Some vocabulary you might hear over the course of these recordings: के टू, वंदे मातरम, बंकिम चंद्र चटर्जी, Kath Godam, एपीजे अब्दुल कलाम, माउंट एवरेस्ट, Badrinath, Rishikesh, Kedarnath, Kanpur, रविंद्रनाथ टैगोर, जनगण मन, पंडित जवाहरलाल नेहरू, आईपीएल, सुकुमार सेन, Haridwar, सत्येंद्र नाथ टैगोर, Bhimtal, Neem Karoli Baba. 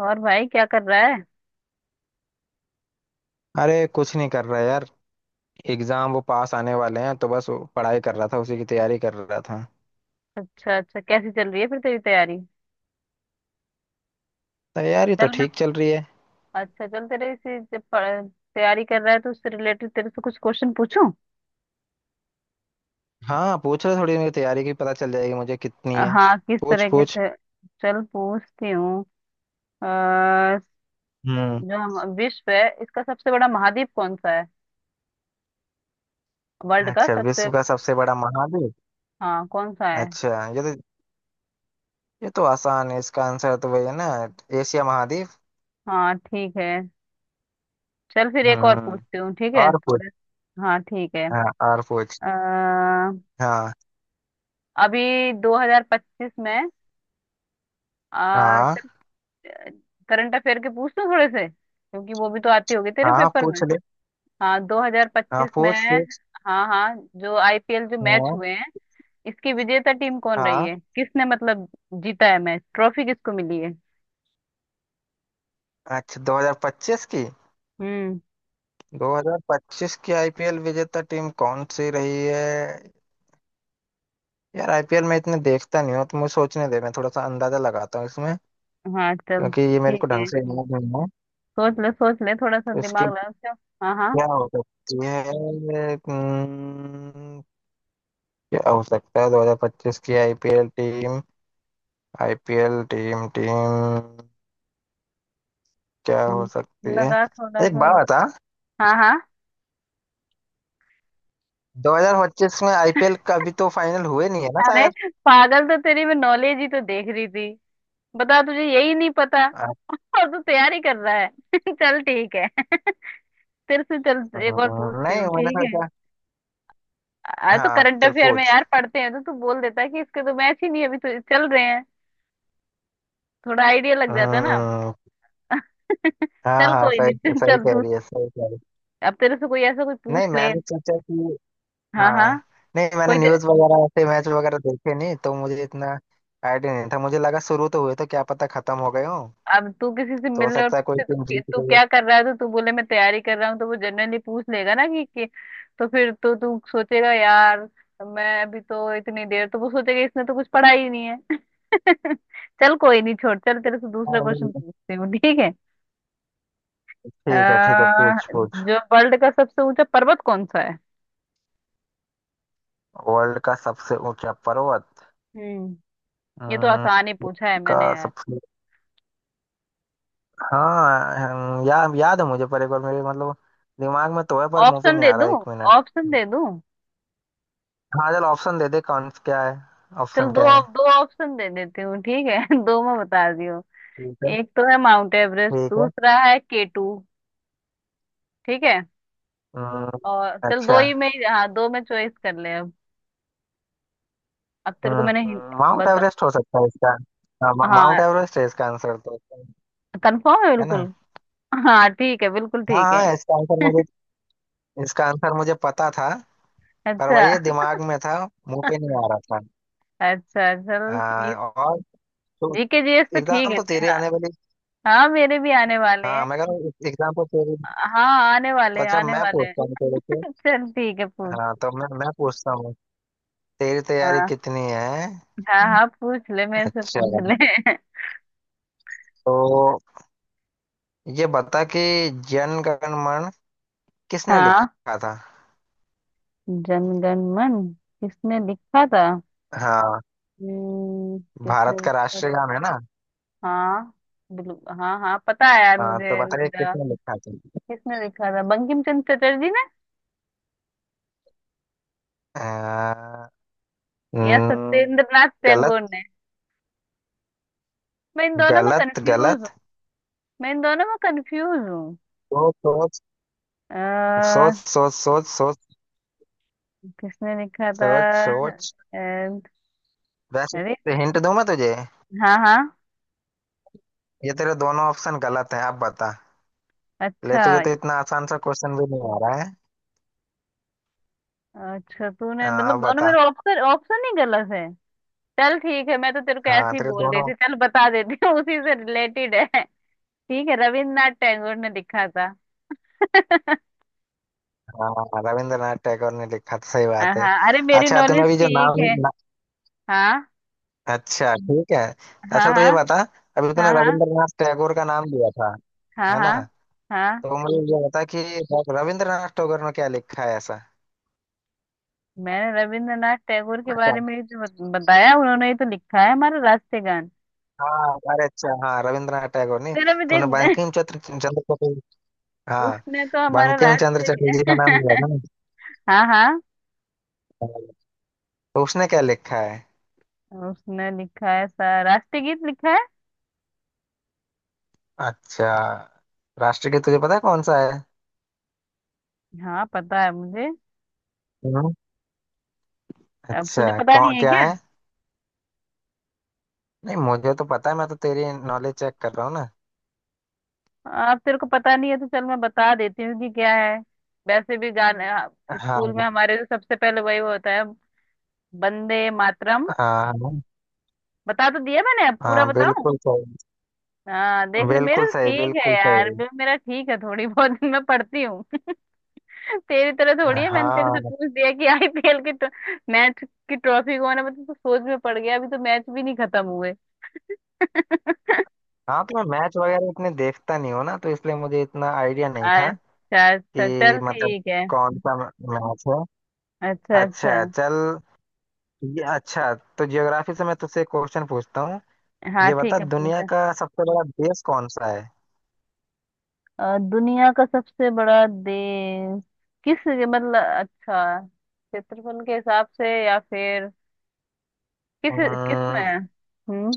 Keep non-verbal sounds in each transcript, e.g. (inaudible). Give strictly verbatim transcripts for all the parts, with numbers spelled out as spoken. और भाई क्या कर रहा है। अरे कुछ नहीं कर रहा यार। एग्जाम वो पास आने वाले हैं तो बस वो पढ़ाई कर रहा था, उसी की तैयारी कर रहा था। अच्छा अच्छा, कैसी चल रही है फिर तेरी तैयारी। तैयारी तो चल मैं, ठीक चल रही है। अच्छा चल तेरे इसी जब पढ़- तैयारी कर रहा है तो उससे रिलेटेड तेरे से कुछ क्वेश्चन पूछूं। हाँ पूछ, रहे थोड़ी मेरी तैयारी की पता चल जाएगी मुझे कितनी अ, है। हाँ, किस पूछ तरीके पूछ से। चल पूछती हूँ। अ, हम्म। जो हम विश्व है, इसका सबसे बड़ा महाद्वीप कौन सा है। वर्ल्ड का अच्छा सबसे, विश्व का सबसे बड़ा महाद्वीप। हाँ कौन सा है। अच्छा ये तो ये तो आसान है, इसका आंसर तो वही है ना। एशिया महाद्वीप। हाँ ठीक है। चल फिर एक और हम्म, पूछती हूँ, ठीक है और पूछ। थोड़े। हाँ ठीक है। हाँ, और पूछ। अ, हाँ अभी दो हज़ार पच्चीस में, आ, हाँ, करंट अफेयर के पूछ लूं थोड़े से, क्योंकि वो भी तो आती होगी तेरे हाँ पेपर में। पूछ ले। हाँ, हाँ दो हज़ार पच्चीस में, पूछ पूछ हाँ हाँ, जो आईपीएल जो मैच हाँ हुए हैं, इसकी विजेता टीम कौन रही हाँ। है, किसने मतलब जीता है मैच, ट्रॉफी किसको मिली है। अच्छा दो हज़ार पच्चीस की। हम्म, दो हज़ार पच्चीस की आईपीएल विजेता टीम कौन सी रही है। यार आईपीएल में इतने देखता नहीं हूँ, तो मुझे सोचने दे, मैं थोड़ा सा अंदाजा लगाता हूँ इसमें। हाँ चल क्योंकि ये मेरे ठीक को है। ढंग से याद नहीं है। सोच ले सोच ले, थोड़ा सा तो इसकी दिमाग लगा क्यों। हाँ हाँ। क्या हो सकती है। हम्म, क्या हो सकता है दो हज़ार पच्चीस की आईपीएल team आईपीएल team team क्या हो हम्म, सकती है। लगा थोड़ा एक सा। बात बता, हाँ हाँ। दो हज़ार पच्चीस में आईपीएल का अभी तो फाइनल हुए नहीं है ना अरे शायद। पागल, तो तेरी मैं नॉलेज ही तो देख रही थी। बता, तुझे यही नहीं पता अच्छा, (laughs) और तू तैयारी कर रहा है। (laughs) चल ठीक है। (laughs) तेरे से चल एक और पूछती नहीं हूँ, मैंने ठीक है। सोचा। आ तो हाँ करंट चल अफेयर में पूछ। यार पढ़ते हैं तो तू बोल देता है कि इसके तो मैच ही नहीं है, अभी तो चल रहे हैं। थोड़ा आइडिया लग जाता है ना। हम्म। (laughs) हाँ चल हाँ, कोई नहीं, सही चल सही चल कह तू, रही है, सही कह रही अब तेरे से कोई ऐसा कोई है। नहीं पूछ ले। मैंने सोचा कि, हाँ हाँ, हाँ। नहीं मैंने कोई ते- न्यूज़ वगैरह ऐसे मैच वगैरह देखे नहीं तो मुझे इतना आइडिया नहीं था। मुझे लगा शुरू तो हुए, तो क्या पता खत्म हो गए हो। अब तू किसी से तो हो मिलने और सकता है कोई पूछे तो, टीम जीत तू गई हो। क्या कर रहा है तो तू बोले मैं तैयारी कर रहा हूँ, तो वो जनरली पूछ लेगा ना कि, कि तो फिर तो तू सोचेगा यार। मैं अभी तो इतनी देर तो वो सोचेगा, इसने तो कुछ पढ़ा ही नहीं है। (laughs) चल कोई नहीं, छोड़, चल तेरे से दूसरा हाँ, नहीं, क्वेश्चन नहीं। पूछती हूँ, ठीक है। ठीक है, ठीक है, अह, पूछ पूछ जो वर्ल्ड का सबसे ऊंचा पर्वत कौन सा है। वर्ल्ड का सबसे ऊंचा पर्वत। हम्म। ये तो आसान ही हम्म, पूछा है मैंने का यार। सबसे। हाँ याद याद है मुझे, पर एक बार, मेरे मतलब दिमाग में तो है पर मुंह पे ऑप्शन नहीं दे आ रहा, दूं? एक मिनट। ऑप्शन दे दूं? हाँ चल ऑप्शन दे दे, कौन क्या है। चल ऑप्शन दो, क्या है। दो ऑप्शन दे देती हूँ, ठीक है। (laughs) दो में बता दियो, ठीक है। एक तो है माउंट एवरेस्ट, ठीक है। दूसरा है के टू। ठीक है। हम्म। और चल दो अच्छा। ही में ही- हाँ, दो में चॉइस कर ले अब। अब तेरे को मैंने हिं- हम्म, माउंट बता। एवरेस्ट हो सकता है इसका। हाँ, मा- हाँ, माउंट एवरेस्ट है इसका आंसर तो। कंफर्म है है ना। बिल्कुल। हाँ ठीक है, बिल्कुल हाँ ठीक है। हाँ, इसका आंसर मुझे, इसका आंसर मुझे पता था। पर अच्छा। वही है, दिमाग में था, मुंह पे (laughs) नहीं आ रहा था। अच्छा चल ये हाँ, और तो जीके जीएस तो ठीक एग्जाम है तो ते- तेरे हाँ। आने वाली। हाँ मेरे भी आने वाले हाँ हैं। मैं कह रहा हूँ एग्जाम तो तेरे। हाँ आने वाले तो हैं, अच्छा आने मैं वाले हैं। पूछता हूँ तेरे से। (laughs) चल ठीक है पूछ। हाँ तो मैं मैं पूछता हूँ, तेरी तैयारी हाँ कितनी है। हाँ, हाँ पूछ ले, मेरे से अच्छा पूछ ले। (laughs) तो ये बता कि जन गण मन किसने हाँ। लिखा था। जनगण मन किसने लिखा था। हाँ, हम्म, किसने भारत का लिखा राष्ट्रीय था। गान है ना। हाँ, बिल्कुल हाँ हाँ, पता है यार हाँ तो मुझे बताइए रुद्रा। किसने लिखा था। किसने लिखा था? बंकिम चंद्र चटर्जी ने अ, न, या सत्येंद्र नाथ टैगोर गलत। ने। मैं इन दोनों में गलत कंफ्यूज हूँ। गलत मैं इन दोनों में कंफ्यूज हूँ। सोच अह, सोच सोच सोच सोच किसने लिखा था। सोच सोच अह, वैसे अरे। हिंट दूं मैं तुझे, हाँ हाँ। ये तेरे दोनों ऑप्शन गलत हैं, अब बता ले, अच्छा। तुझे तो इतना आसान सा क्वेश्चन भी नहीं आ रहा है। अच्छा अ, तूने मतलब अब दोनों बता। मेरे ऑप्शन ऑप्शन ही गलत है। चल ठीक है, मैं तो तेरे को ऐसे हाँ ही तेरे बोल रही दोनों। थी, चल बता देती हूँ उसी से रिलेटेड है। ठीक है, रविन्द्रनाथ टैगोर ने लिखा था। (laughs) हाँ रविंद्रनाथ टैगोर ने लिखा था, सही बात है। हाँ अरे मेरी अच्छा तूने नॉलेज अभी जो ठीक नाम, है। हाँ अच्छा ठीक है। हाँ। अच्छा तो हाँ ये बता, अभी तूने हाँ। हाँ। रविंद्रनाथ टैगोर का नाम लिया था, हाँ है ना। हाँ। हाँ। तो मुझे ये बता कि रविंद्रनाथ टैगोर ने क्या लिखा है ऐसा। मैंने रविंद्रनाथ टैगोर के अच्छा बारे में ही तो बत- बताया, उन्होंने ही तो लिखा है हमारा राष्ट्रीय गान। हाँ, अरे अच्छा हाँ, रविंद्रनाथ टैगोर ने। तेरा भी तूने देख। बंकिम चंद्र चंद्र चटर्जी, (laughs) हाँ, उसने तो हमारा बंकिम चंद्र चटर्जी का राष्ट्रीय नाम लिया था ना। (laughs) हाँ हाँ, तो उसने क्या लिखा है। उसने लिखा है सा राष्ट्रीय गीत लिखा है। अच्छा। राष्ट्रगीत तुझे पता है कौन सा है। हाँ पता है मुझे। हम्म। अब अच्छा तुझे पता नहीं कौन है क्या क्या? है। नहीं, मुझे तो पता है, मैं तो तेरी नॉलेज चेक कर रहा हूँ ना। अब तेरे को पता नहीं है तो चल मैं बता देती हूँ कि क्या है। वैसे भी गाने, हाँ, स्कूल हाँ में हमारे जो सबसे पहले वही होता है, वंदे मातरम। हाँ। हाँ, बता तो दिया मैंने, अब पूरा हाँ, बताऊं। बिल्कुल सही, हाँ देख ले, मेरे बिल्कुल तो सही, ठीक है बिल्कुल यार, सही। मे- मेरा ठीक है थोड़ी बहुत (laughs) मैं पढ़ती हूँ। (laughs) तेरी तरह थोड़ी है, मैंने तेरे से हाँ पूछ दिया कि आईपीएल की तो, मैच की ट्रॉफी कौन है मतलब, तो सोच में पड़ गया, अभी तो मैच भी नहीं खत्म हुए। (laughs) हाँ, तो मैं मैच वगैरह इतने देखता नहीं हूँ ना, तो इसलिए मुझे इतना आइडिया नहीं था अच्छा अच्छा, कि चल मतलब ठीक है। कौन सा मैच है। अच्छा अच्छा। अच्छा चल ये, अच्छा तो ज्योग्राफी से मैं तुझसे क्वेश्चन पूछता हूँ। हाँ ये बता, ठीक है, दुनिया पूछा। का सबसे बड़ा देश कौन सा है। अ, दुनिया का सबसे बड़ा देश, किस मतलब अच्छा क्षेत्रफल के हिसाब से या फिर किस, किस में अम्म, है हम्म?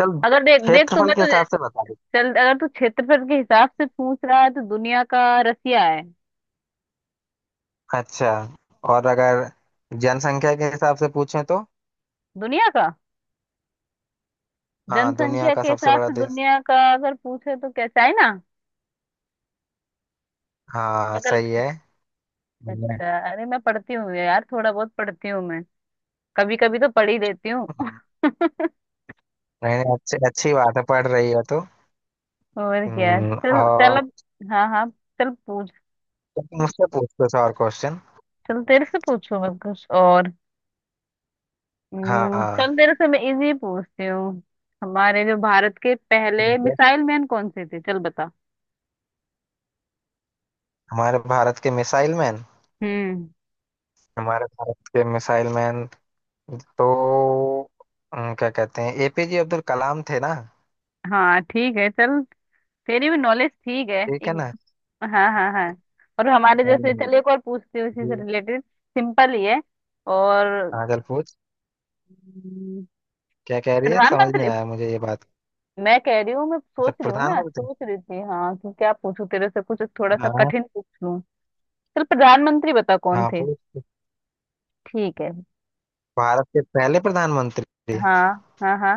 चल अगर देख देख क्षेत्रफल तुम्हें के तो, हिसाब से बता दे। चल अगर तू क्षेत्रफल के हिसाब से पूछ रहा है तो दुनिया का रसिया है। अच्छा, और अगर जनसंख्या के हिसाब से पूछें तो, दुनिया का हाँ दुनिया जनसंख्या का के सबसे हिसाब बड़ा से देश। दुनिया का अगर पूछे तो कैसा है ना। हाँ निकल। सही है। अच्छा, अरे मैं पढ़ती हूँ यार थोड़ा बहुत, पढ़ती हूँ मैं, कभी कभी तो पढ़ ही लेती हूँ। नहीं नहीं, अच्छी अच्छी बात है, पढ़ रही है तो। और क्या, हम्म, चल चल और अब। हाँ हाँ। चल पूछ। तुम मुझसे पूछ कुछ और क्वेश्चन। चल तेरे से पूछू मैं कुछ और। हाँ हम्म, चल हाँ, तेरे से मैं इजी पूछती हूँ। हमारे जो भारत के पहले ठीक है। मिसाइल मैन कौन से थे, चल बता। हमारे भारत के मिसाइल मैन, हम्म। हमारे भारत के मिसाइल मैन, तो हम्म, क्या कहते हैं, एपीजे अब्दुल कलाम थे ना। हाँ ठीक है, चल, तेरी भी नॉलेज ठीक है। ठीक है एक, ना। हाँ हाँ हाँ। और हमारे जैसे, हम्म, चलिए एक और पूछती हूँ, इसी से ये- रिलेटेड सिंपल ही है। और हाँ चल पूछ। हम्म, क्या कह रही है, समझ नहीं प्रधानमंत्री। आया मुझे ये बात। मैं कह रही हूँ, मैं अच्छा सोच रही हूँ ना, प्रधानमंत्री। सोच रही थी हाँ कि क्या पूछूं तेरे से कुछ थोड़ा सा हाँ कठिन पूछ लूँ। चल प्रधानमंत्री बता कौन हाँ थे। पूछ। ठीक है। भारत के पहले प्रधानमंत्री, हाँ हाँ हाँ।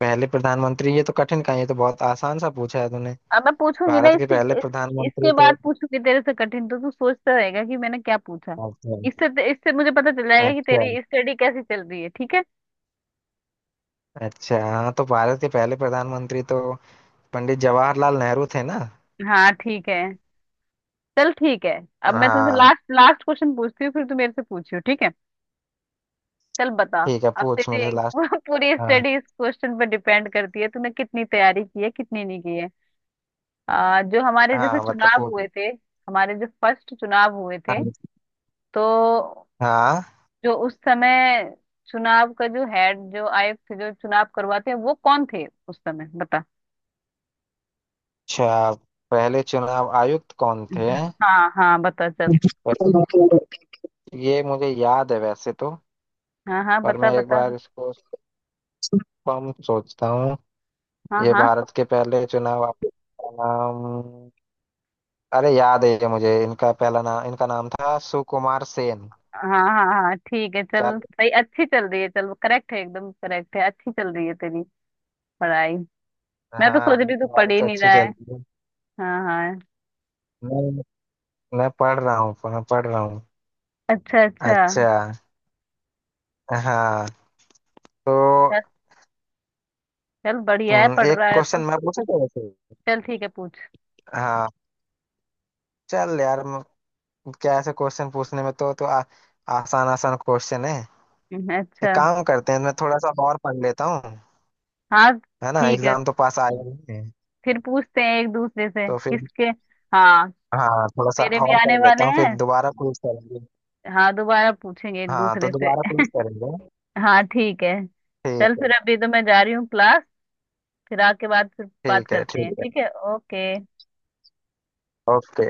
पहले प्रधानमंत्री, ये तो कठिन का, ये तो बहुत आसान सा पूछा है तूने। अब मैं पूछूंगी ना भारत के इसके पहले इस, प्रधानमंत्री इसके तो, बाद पूछूंगी तेरे से कठिन, तो तू सोचता रहेगा कि मैंने क्या पूछा। अच्छा, इससे इससे मुझे पता चल जाएगा कि अच्छा, तेरी स्टडी कैसी चल रही है, ठीक है। अच्छा हाँ, तो भारत के पहले प्रधानमंत्री तो पंडित जवाहरलाल नेहरू थे ना। हाँ ठीक है। चल ठीक है। अब मैं तुझसे हाँ लास्ट लास्ट क्वेश्चन पूछती हूँ, फिर तू मेरे से पूछियो, ठीक है। चल बता। ठीक है, अब पूछ मेरे तेरी से (laughs) लास्ट। पूरी हाँ स्टडी इस क्वेश्चन पर डिपेंड करती है, तूने कितनी तैयारी की है कितनी नहीं की है। आ, जो हमारे जैसे हाँ बता चुनाव हुए पूछ। थे, हमारे जो फर्स्ट चुनाव हुए थे, हाँ, तो हाँ, जो उस समय चुनाव का जो हेड, जो आयुक्त थे, जो चुनाव करवाते हैं, वो कौन थे उस समय बता। अच्छा पहले चुनाव आयुक्त कौन थे। हाँ हाँ बता चल। वैसे ये मुझे याद है वैसे तो, हाँ हाँ पर बता मैं एक बता। बार इसको कम सोचता हूँ। हाँ ये हाँ भारत के पहले चुनाव आयुक्त का नाम, अरे याद है ये मुझे, इनका पहला नाम, इनका नाम था सुकुमार सेन। हाँ हाँ हाँ ठीक है, चल सही, अच्छी चल रही है, चल करेक्ट है, एकदम करेक्ट है, अच्छी चल रही है तेरी पढ़ाई। मैं तो हाँ सोच मेरी रही हूँ तू पढ़ तैयारी ही तो नहीं अच्छी रहा चल है। रही है। हाँ हाँ। मैं मैं पढ़ रहा हूँ, मैं पढ़ रहा हूँ। अच्छा अच्छा। अच्छा, हाँ, तो चल, चल बढ़िया है, हम्म, पढ़ एक रहा है क्वेश्चन तो। मैं पूछूं तेरे से। चल ठीक है पूछ। हाँ चल यार, म- क्या ऐसे क्वेश्चन पूछने में तो तो आ, आसान आसान क्वेश्चन है। हम्म, एक अच्छा। काम करते हैं, मैं थोड़ा सा और पढ़ लेता हूँ, हाँ है ना, ठीक है। एग्जाम तो पास आया ही है, फिर पूछते हैं एक दूसरे से तो फिर, किसके। हाँ हाँ थोड़ा सा मेरे भी और आने पढ़ लेता वाले हूँ, फिर हैं। दोबारा क्विज करेंगे। हाँ, दोबारा पूछेंगे एक हाँ तो दूसरे से। दोबारा क्विज करेंगे। हाँ ठीक है। ठीक चल है। फिर, अभी तो मैं जा रही हूँ क्लास, फिर आके बाद फिर बात ठीक है। करते हैं, ठीक है। ठीक है। ओके। ओके।